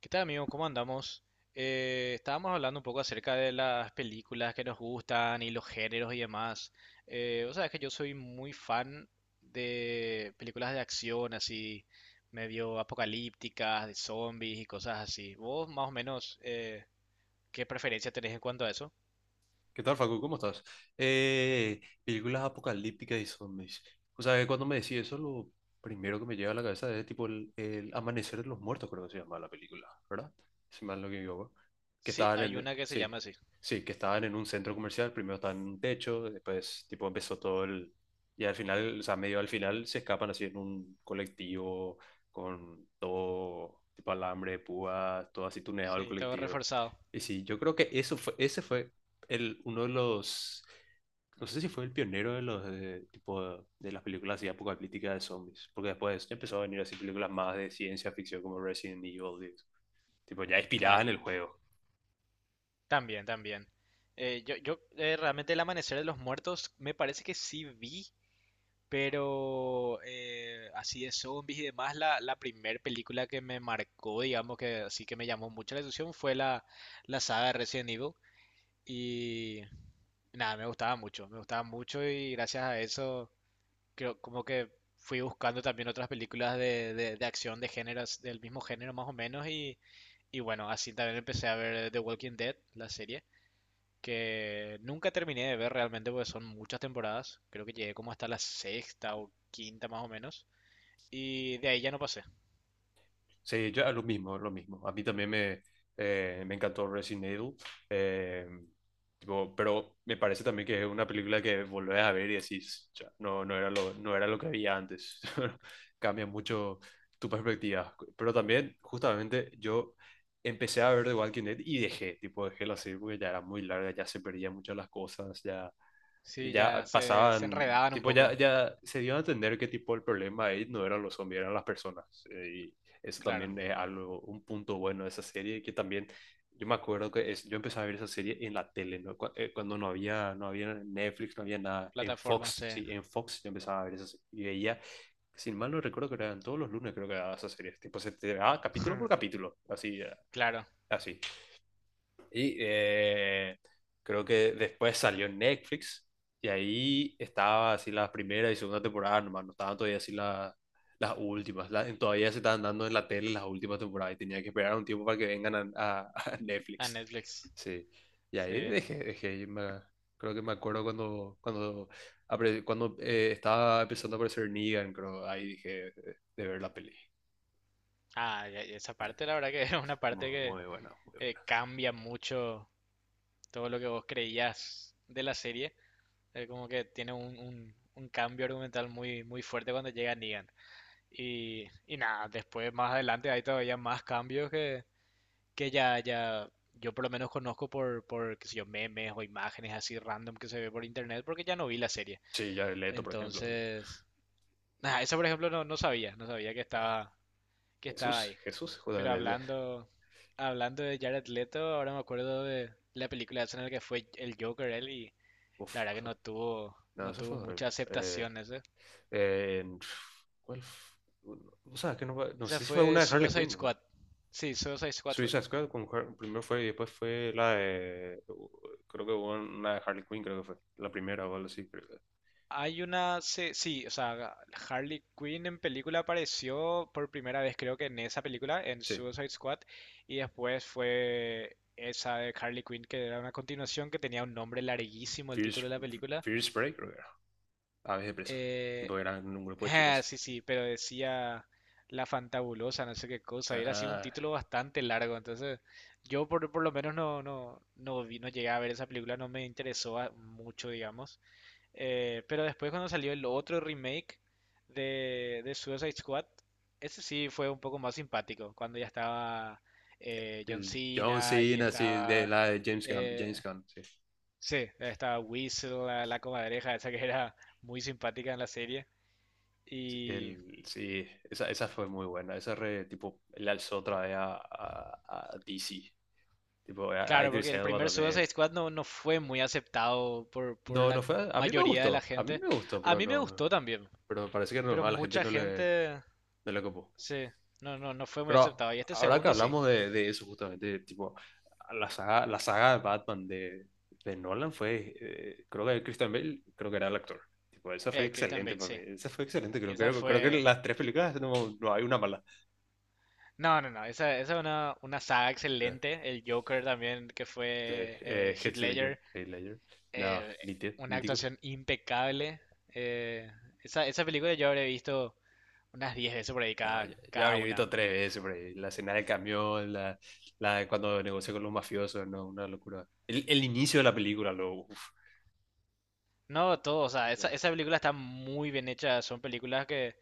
¿Qué tal, amigo? ¿Cómo andamos? Estábamos hablando un poco acerca de las películas que nos gustan y los géneros y demás. Vos sabés que yo soy muy fan de películas de acción, así medio apocalípticas, de zombies y cosas así. ¿Vos más o menos qué preferencia tenés en cuanto a eso? ¿Qué tal, Facu? ¿Cómo estás? Películas apocalípticas y zombies. O sea, que cuando me decís eso, lo primero que me llega a la cabeza es tipo el Amanecer de los Muertos, creo que se llama la película, ¿verdad? Si mal no me equivoco. Sí, hay una que se Sí, llama así. sí, que estaban en un centro comercial, primero estaban en un techo, después tipo empezó y al final, o sea, medio al final se escapan así en un colectivo con todo tipo alambre de púas, todo así tuneado el Sí, todo colectivo. reforzado. Y sí, yo creo que ese fue el, uno de los, no sé si fue el pionero tipo de las películas así apocalípticas de zombies, porque después empezó a venir así películas más de ciencia ficción como Resident Evil, tipo ya inspiradas en Claro, el juego. también, también. Yo yo Realmente El Amanecer de los Muertos me parece que sí vi, pero así de zombies y demás, la primera película que me marcó, digamos que así que me llamó mucho la atención fue la saga de Resident Evil. Y nada, me gustaba mucho, me gustaba mucho, y gracias a eso creo como que fui buscando también otras películas de acción de géneros, del mismo género más o menos. Y bueno, así también empecé a ver The Walking Dead, la serie que nunca terminé de ver realmente porque son muchas temporadas. Creo que llegué como hasta la sexta o quinta más o menos. Y de ahí ya no pasé. Sí, yo lo mismo, lo mismo. A mí también me encantó Resident Evil. eh, Tipo, pero me parece también que es una película que volvés a ver y decís, "Cha, no, no era lo que había antes." Cambia mucho tu perspectiva. Pero también, justamente, yo empecé a ver The Walking Dead y dejé la serie porque ya era muy larga, ya se perdían muchas las cosas, ya, y Sí, ya ya se pasaban, enredaban un tipo, ya, poco. ya se dio a entender que tipo el problema ahí no eran los zombies, eran las personas. Y eso Claro, también es algo, un punto bueno de esa serie, que también yo me acuerdo yo empecé a ver esa serie en la tele, ¿no? Cuando no había, Netflix, no había nada, en plataforma Fox, se... sí, en Fox yo empezaba a ver esa serie y veía, sin mal no recuerdo que eran todos los lunes creo que era esa serie, tipo se te daba capítulo por capítulo, así, Claro, así. Y creo que después salió en Netflix y ahí estaba así la primera y segunda temporada nomás, no estaban todavía así las últimas, todavía se estaban dando en la tele las últimas temporadas y tenía que esperar un tiempo para que vengan a a Netflix. Netflix. Sí, y ahí Sí. dejé, y creo que me acuerdo cuando, cuando, cuando estaba empezando a aparecer Negan, creo, ahí dije ver la peli. Ah, ya ya esa parte la verdad que es una parte Muy, que muy buena, muy buena. cambia mucho todo lo que vos creías de la serie. Como que tiene un cambio argumental muy, muy fuerte cuando llega Negan. Y nada, después más adelante hay todavía más cambios que ya, ya yo por lo menos conozco qué sé yo, memes o imágenes así random que se ve por internet porque ya no vi la serie. Sí, ya Leto, por ejemplo. Entonces, nada, eso por ejemplo no, no sabía, no sabía que estaba Jesús, ahí. Jesús, Pero justamente. hablando, hablando de Jared Leto, ahora me acuerdo de la película esa en la que fue el Joker él, y la Uf, verdad que no tuvo, no, no eso fue tuvo mucha horrible. Aceptación ese. eh, en- ¿Cuál? O sea, que no, no Esa sé si fue una fue de Harley Suicide Quinn, güey. Squad. Sí, Suicide Squad fue. Suicide Squad, con primero fue y después fue la de. Creo que hubo una de Harley Quinn, creo que fue. La primera o algo así, creo que. Hay una, se- sí, o sea, Harley Quinn en película apareció por primera vez creo que en esa película, en Sí. Suicide Squad, y después fue esa de Harley Quinn, que era una continuación que tenía un nombre larguísimo el fierce, fierce título de la película. Fear Spray, creo que era. Aves de presa. Eh, Tipo, eran un grupo de chicas. sí, sí, pero decía La Fantabulosa, no sé qué cosa, y era así un Ah, título bastante largo, entonces yo por lo menos no, no, no vi, no llegué a ver esa película, no me interesó a- mucho, digamos. Pero después cuando salió el otro remake de Suicide Squad, ese sí fue un poco más simpático, cuando ya estaba John el John Cena y Cena, sí, de estaba... la de James Gunn. eh, James Gunn, sí. sí, estaba Weasel, la comadreja esa que era muy simpática en la serie. Y Sí, esa fue muy buena. Esa tipo, le alzó otra vez a, DC. Tipo, a claro, porque Idris el Elba primer Suicide también. Squad no, no fue muy aceptado por No, no la fue. A mí me mayoría de la gustó. A mí gente. me gustó, A pero mí me no. gustó también, Pero parece que no, pero a la gente mucha no le, gente, no le copó. sí, no, no, no fue muy Pero aceptado. Y este ahora que segundo sí. hablamos de eso, justamente, tipo, la saga de Batman de Nolan fue. Creo que Christian Bale, creo que era el actor. Tipo, esa fue Christian excelente Bale, para mí. sí. Esa fue excelente, creo, Esa creo, creo que fue. las tres películas no hay una mala. No, no, no. Esa es una saga excelente. El Joker también, que fue Heath Heath Ledger, Ledger. Heath Ledger. No, eh, una mítico. actuación impecable. Eh, Esa película yo habré visto unas 10 veces por ahí No, cada, ya cada habría visto una. tres veces por ahí. La escena del camión, la de cuando negoció con los mafiosos, no, una locura. El inicio de la película, lo. Uf, No, todo. O sea, esa, ya. esa película está muy bien hecha. Son películas que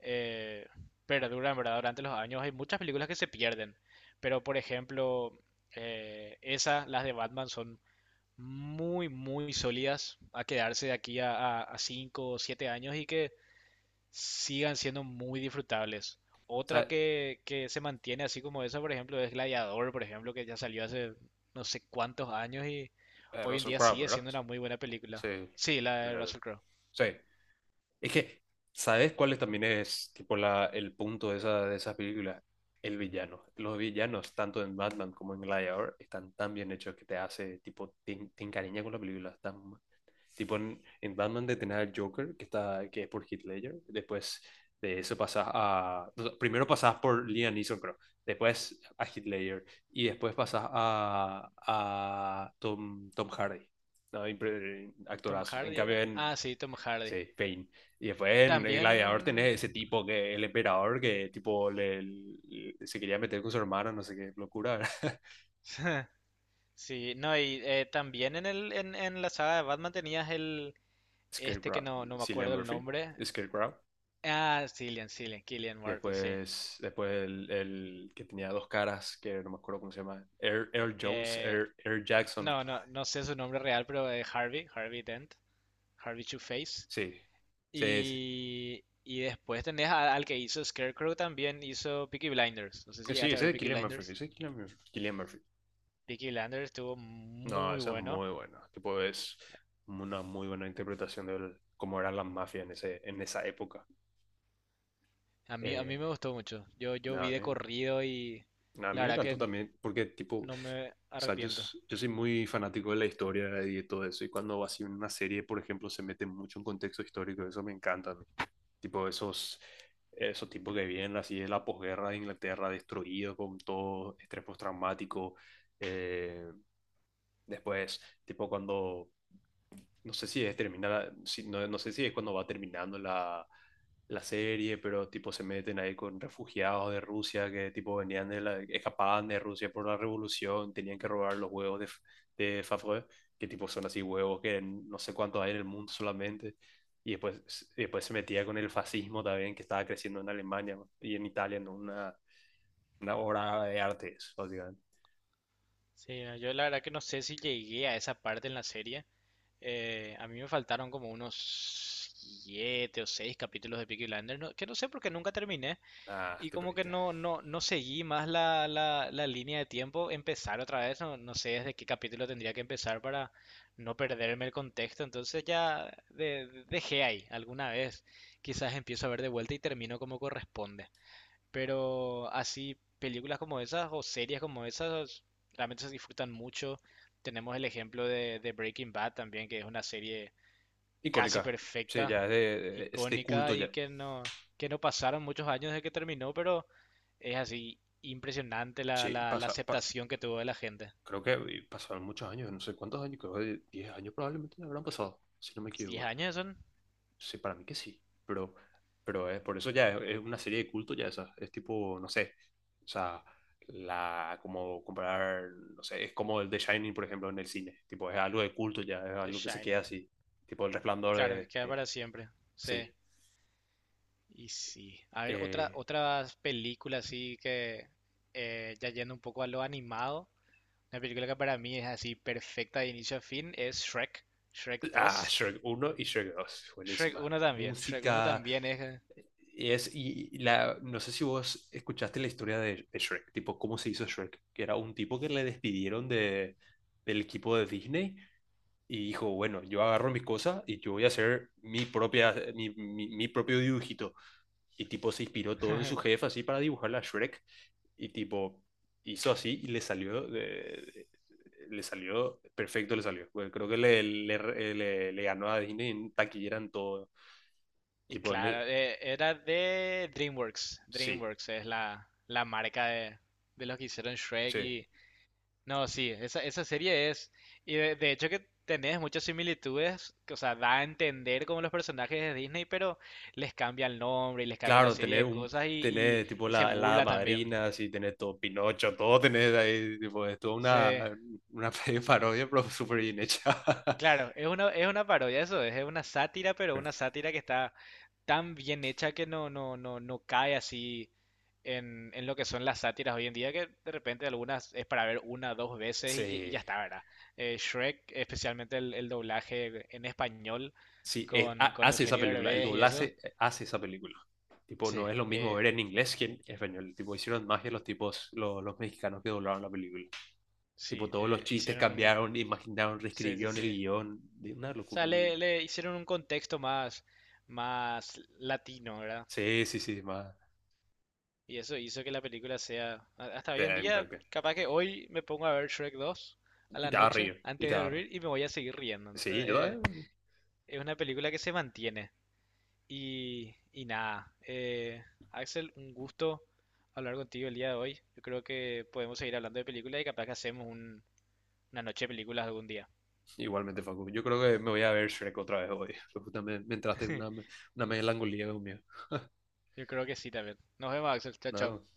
eh, perduran, ¿verdad? Durante los años. Hay muchas películas que se pierden. Pero, por ejemplo, las de Batman son muy, muy sólidas a quedarse de aquí a 5 o 7 años y que sigan siendo muy disfrutables. O Otra sea, que se mantiene así como esa, por ejemplo, es Gladiador, por ejemplo, que ya salió hace no sé cuántos años y hoy en Russell día Crowe, sigue ¿verdad? siendo una muy buena película. Sí. Sí, la de Russell Crowe. Sí. Es que, ¿sabes cuál también es tipo el punto de de esas películas? El villano. Los villanos, tanto en Batman como en Gladiator, están tan bien hechos que te hace, tipo, te encariña con la película. Están. Tipo en Batman de tener al Joker, que es por Heath Ledger. Después de eso pasas a... Primero pasas por Liam Neeson, creo. Después a Heath Ledger. Y después pasas a Tom Hardy. ¿No? ¿Tom Actorazo. En Hardy cambio era? en... Ah, sí, Tom Hardy. Sí, Pain. Y después en el Gladiador También... tenés ese tipo que el emperador que tipo se quería meter con su hermana, no sé qué locura. Sí, no, y también en, el, en la saga de Batman tenías el... Este que Scarecrow. no, no me Cillian acuerdo el Murphy. nombre. Scarecrow. Ah, sí, Cillian Murphy, sí. Después el que tenía dos caras, que no me acuerdo cómo se llama. Air Jones, Eh, Air Jackson. no, no, no sé su nombre real, pero Harvey, Harvey Dent, Harvey Two-Face. Sí, sí, sí. Y después tenés a- al que hizo Scarecrow también, hizo Peaky Blinders. No sé si Sí, llegaste a ese ver es Peaky Cillian Murphy, Blinders. ese es Cillian Murphy. Cillian Murphy. Peaky Blinders estuvo No, muy esa es bueno. muy buena. Tipo, es una muy buena interpretación de cómo eran las mafias en esa época. A mí Eh, me gustó mucho. Yo Nada, vi a de mí, corrido y la me verdad encantó que también, porque, tipo, o no me sea, yo, arrepiento. s- yo soy muy fanático de la historia y de todo eso. Y cuando así una serie, por ejemplo, se mete mucho en contexto histórico, eso me encanta. Tipo esos tipos que vienen así de la posguerra de Inglaterra, destruido con todo estrés postraumático. eh, Después, tipo cuando no sé si es terminar, no, no sé si es cuando va terminando la serie, pero tipo se meten ahí con refugiados de Rusia que tipo venían escapaban de Rusia por la revolución, tenían que robar los huevos de Favre, que tipo son así huevos que no sé cuántos hay en el mundo solamente. Y después se metía con el fascismo también que estaba creciendo en Alemania y en Italia, en una obra de arte, eso, básicamente. Sí, no, yo la verdad que no sé si llegué a esa parte en la serie. A mí me faltaron como unos siete o seis capítulos de Peaky Blinders, no- que no sé por qué nunca terminé, Ah, y te como que perdiste. no, no, no seguí más la línea de tiempo, empezar otra vez, no, no sé desde qué capítulo tendría que empezar para no perderme el contexto, entonces ya de- dejé ahí alguna vez, quizás empiezo a ver de vuelta y termino como corresponde. Pero así, películas como esas o series como esas realmente se disfrutan mucho. Tenemos el ejemplo de Breaking Bad también, que es una serie casi Icónica. Sí, ya perfecta, es de este culto icónica, y ya. Que no pasaron muchos años desde que terminó, pero es así impresionante Sí, la aceptación que tuvo de la gente. creo que pasaron muchos años, no sé cuántos años, creo que 10 años probablemente ya habrán pasado, si no me ¿Diez equivoco. años son? Sí, para mí que sí, pero, pero por eso ya es una serie de culto ya esa, es tipo, no sé, o sea, como comparar, no sé, es como el The Shining, por ejemplo, en el cine, tipo, es algo de culto ya, es The algo que se queda Shining. así, tipo el resplandor Claro, que queda para siempre. Sí. sí. Y sí. A ver, otra, Eh, otras películas así que ya yendo un poco a lo animado. Una película que para mí es así perfecta de inicio a fin es Shrek, Shrek dos. Shrek uno y Shrek 2 buenísima. Shrek uno Música, también es... y no sé si vos escuchaste la historia de Shrek, tipo, cómo se hizo Shrek, que era un tipo que le despidieron del equipo de Disney y dijo, bueno, yo agarro mis cosas y yo voy a hacer mi, propia, mi propio dibujito. Y tipo, se inspiró todo en su jefe así para dibujar la Shrek y tipo, hizo así y le salió perfecto, le salió. Bueno, creo que le ganó a Disney en taquillera en todo. Y Tipo, en claro, era de DreamWorks. sí, DreamWorks es la, la marca de los que hicieron Shrek sí. y... No, sí, esa serie es... Y de hecho que tenés muchas similitudes, que, o sea, da a entender como los personajes de Disney, pero les cambia el nombre y les cambia la Claro, serie de cosas, tener tipo y se la hada burla también. madrina, así, tener todo Pinocho, todo tener ahí, tipo, es toda Sí. una parodia, pero súper bien hecha. Claro, es una parodia, eso es una sátira, pero Pero, una sátira que está tan bien hecha que no, no, no, no cae así en lo que son las sátiras hoy en día, que de repente algunas es para ver una, dos veces y ya, y ya sí, está, ¿verdad? Shrek, especialmente el doblaje en español sí, con hace esa Eugenio película, el Derbez y eso. doblaje hace esa película. Tipo, Sí, no es lo mismo ver eh, en inglés que en español. Tipo, hicieron magia los tipos, los mexicanos que doblaron la película. Tipo, sí, todos los chistes hicieron un... cambiaron, imaginaron, Sí, sí, reescribieron el sí. O guión. De una sea, locura, una... le hicieron un contexto más, más latino, ¿verdad? Sí, sí, sí, más... Y eso hizo que la película sea, a- hasta Te hoy en da día, impacto. capaz que hoy me pongo a ver Shrek 2 a Y la te da noche río, y antes te de da río. dormir y me voy a seguir riendo. Sí, Entonces, yo también. es una película que se mantiene. Y nada, Axel, un gusto hablar contigo el día de hoy. Yo creo que podemos seguir hablando de películas y capaz que hacemos un- una noche de películas algún día. Igualmente, Facu. Yo creo que me voy a ver Shrek otra vez hoy. Justamente me entraste en una, una melancolía conmigo. Yo creo que sí también. Nos vemos, Axel. Chao, chao. Nada,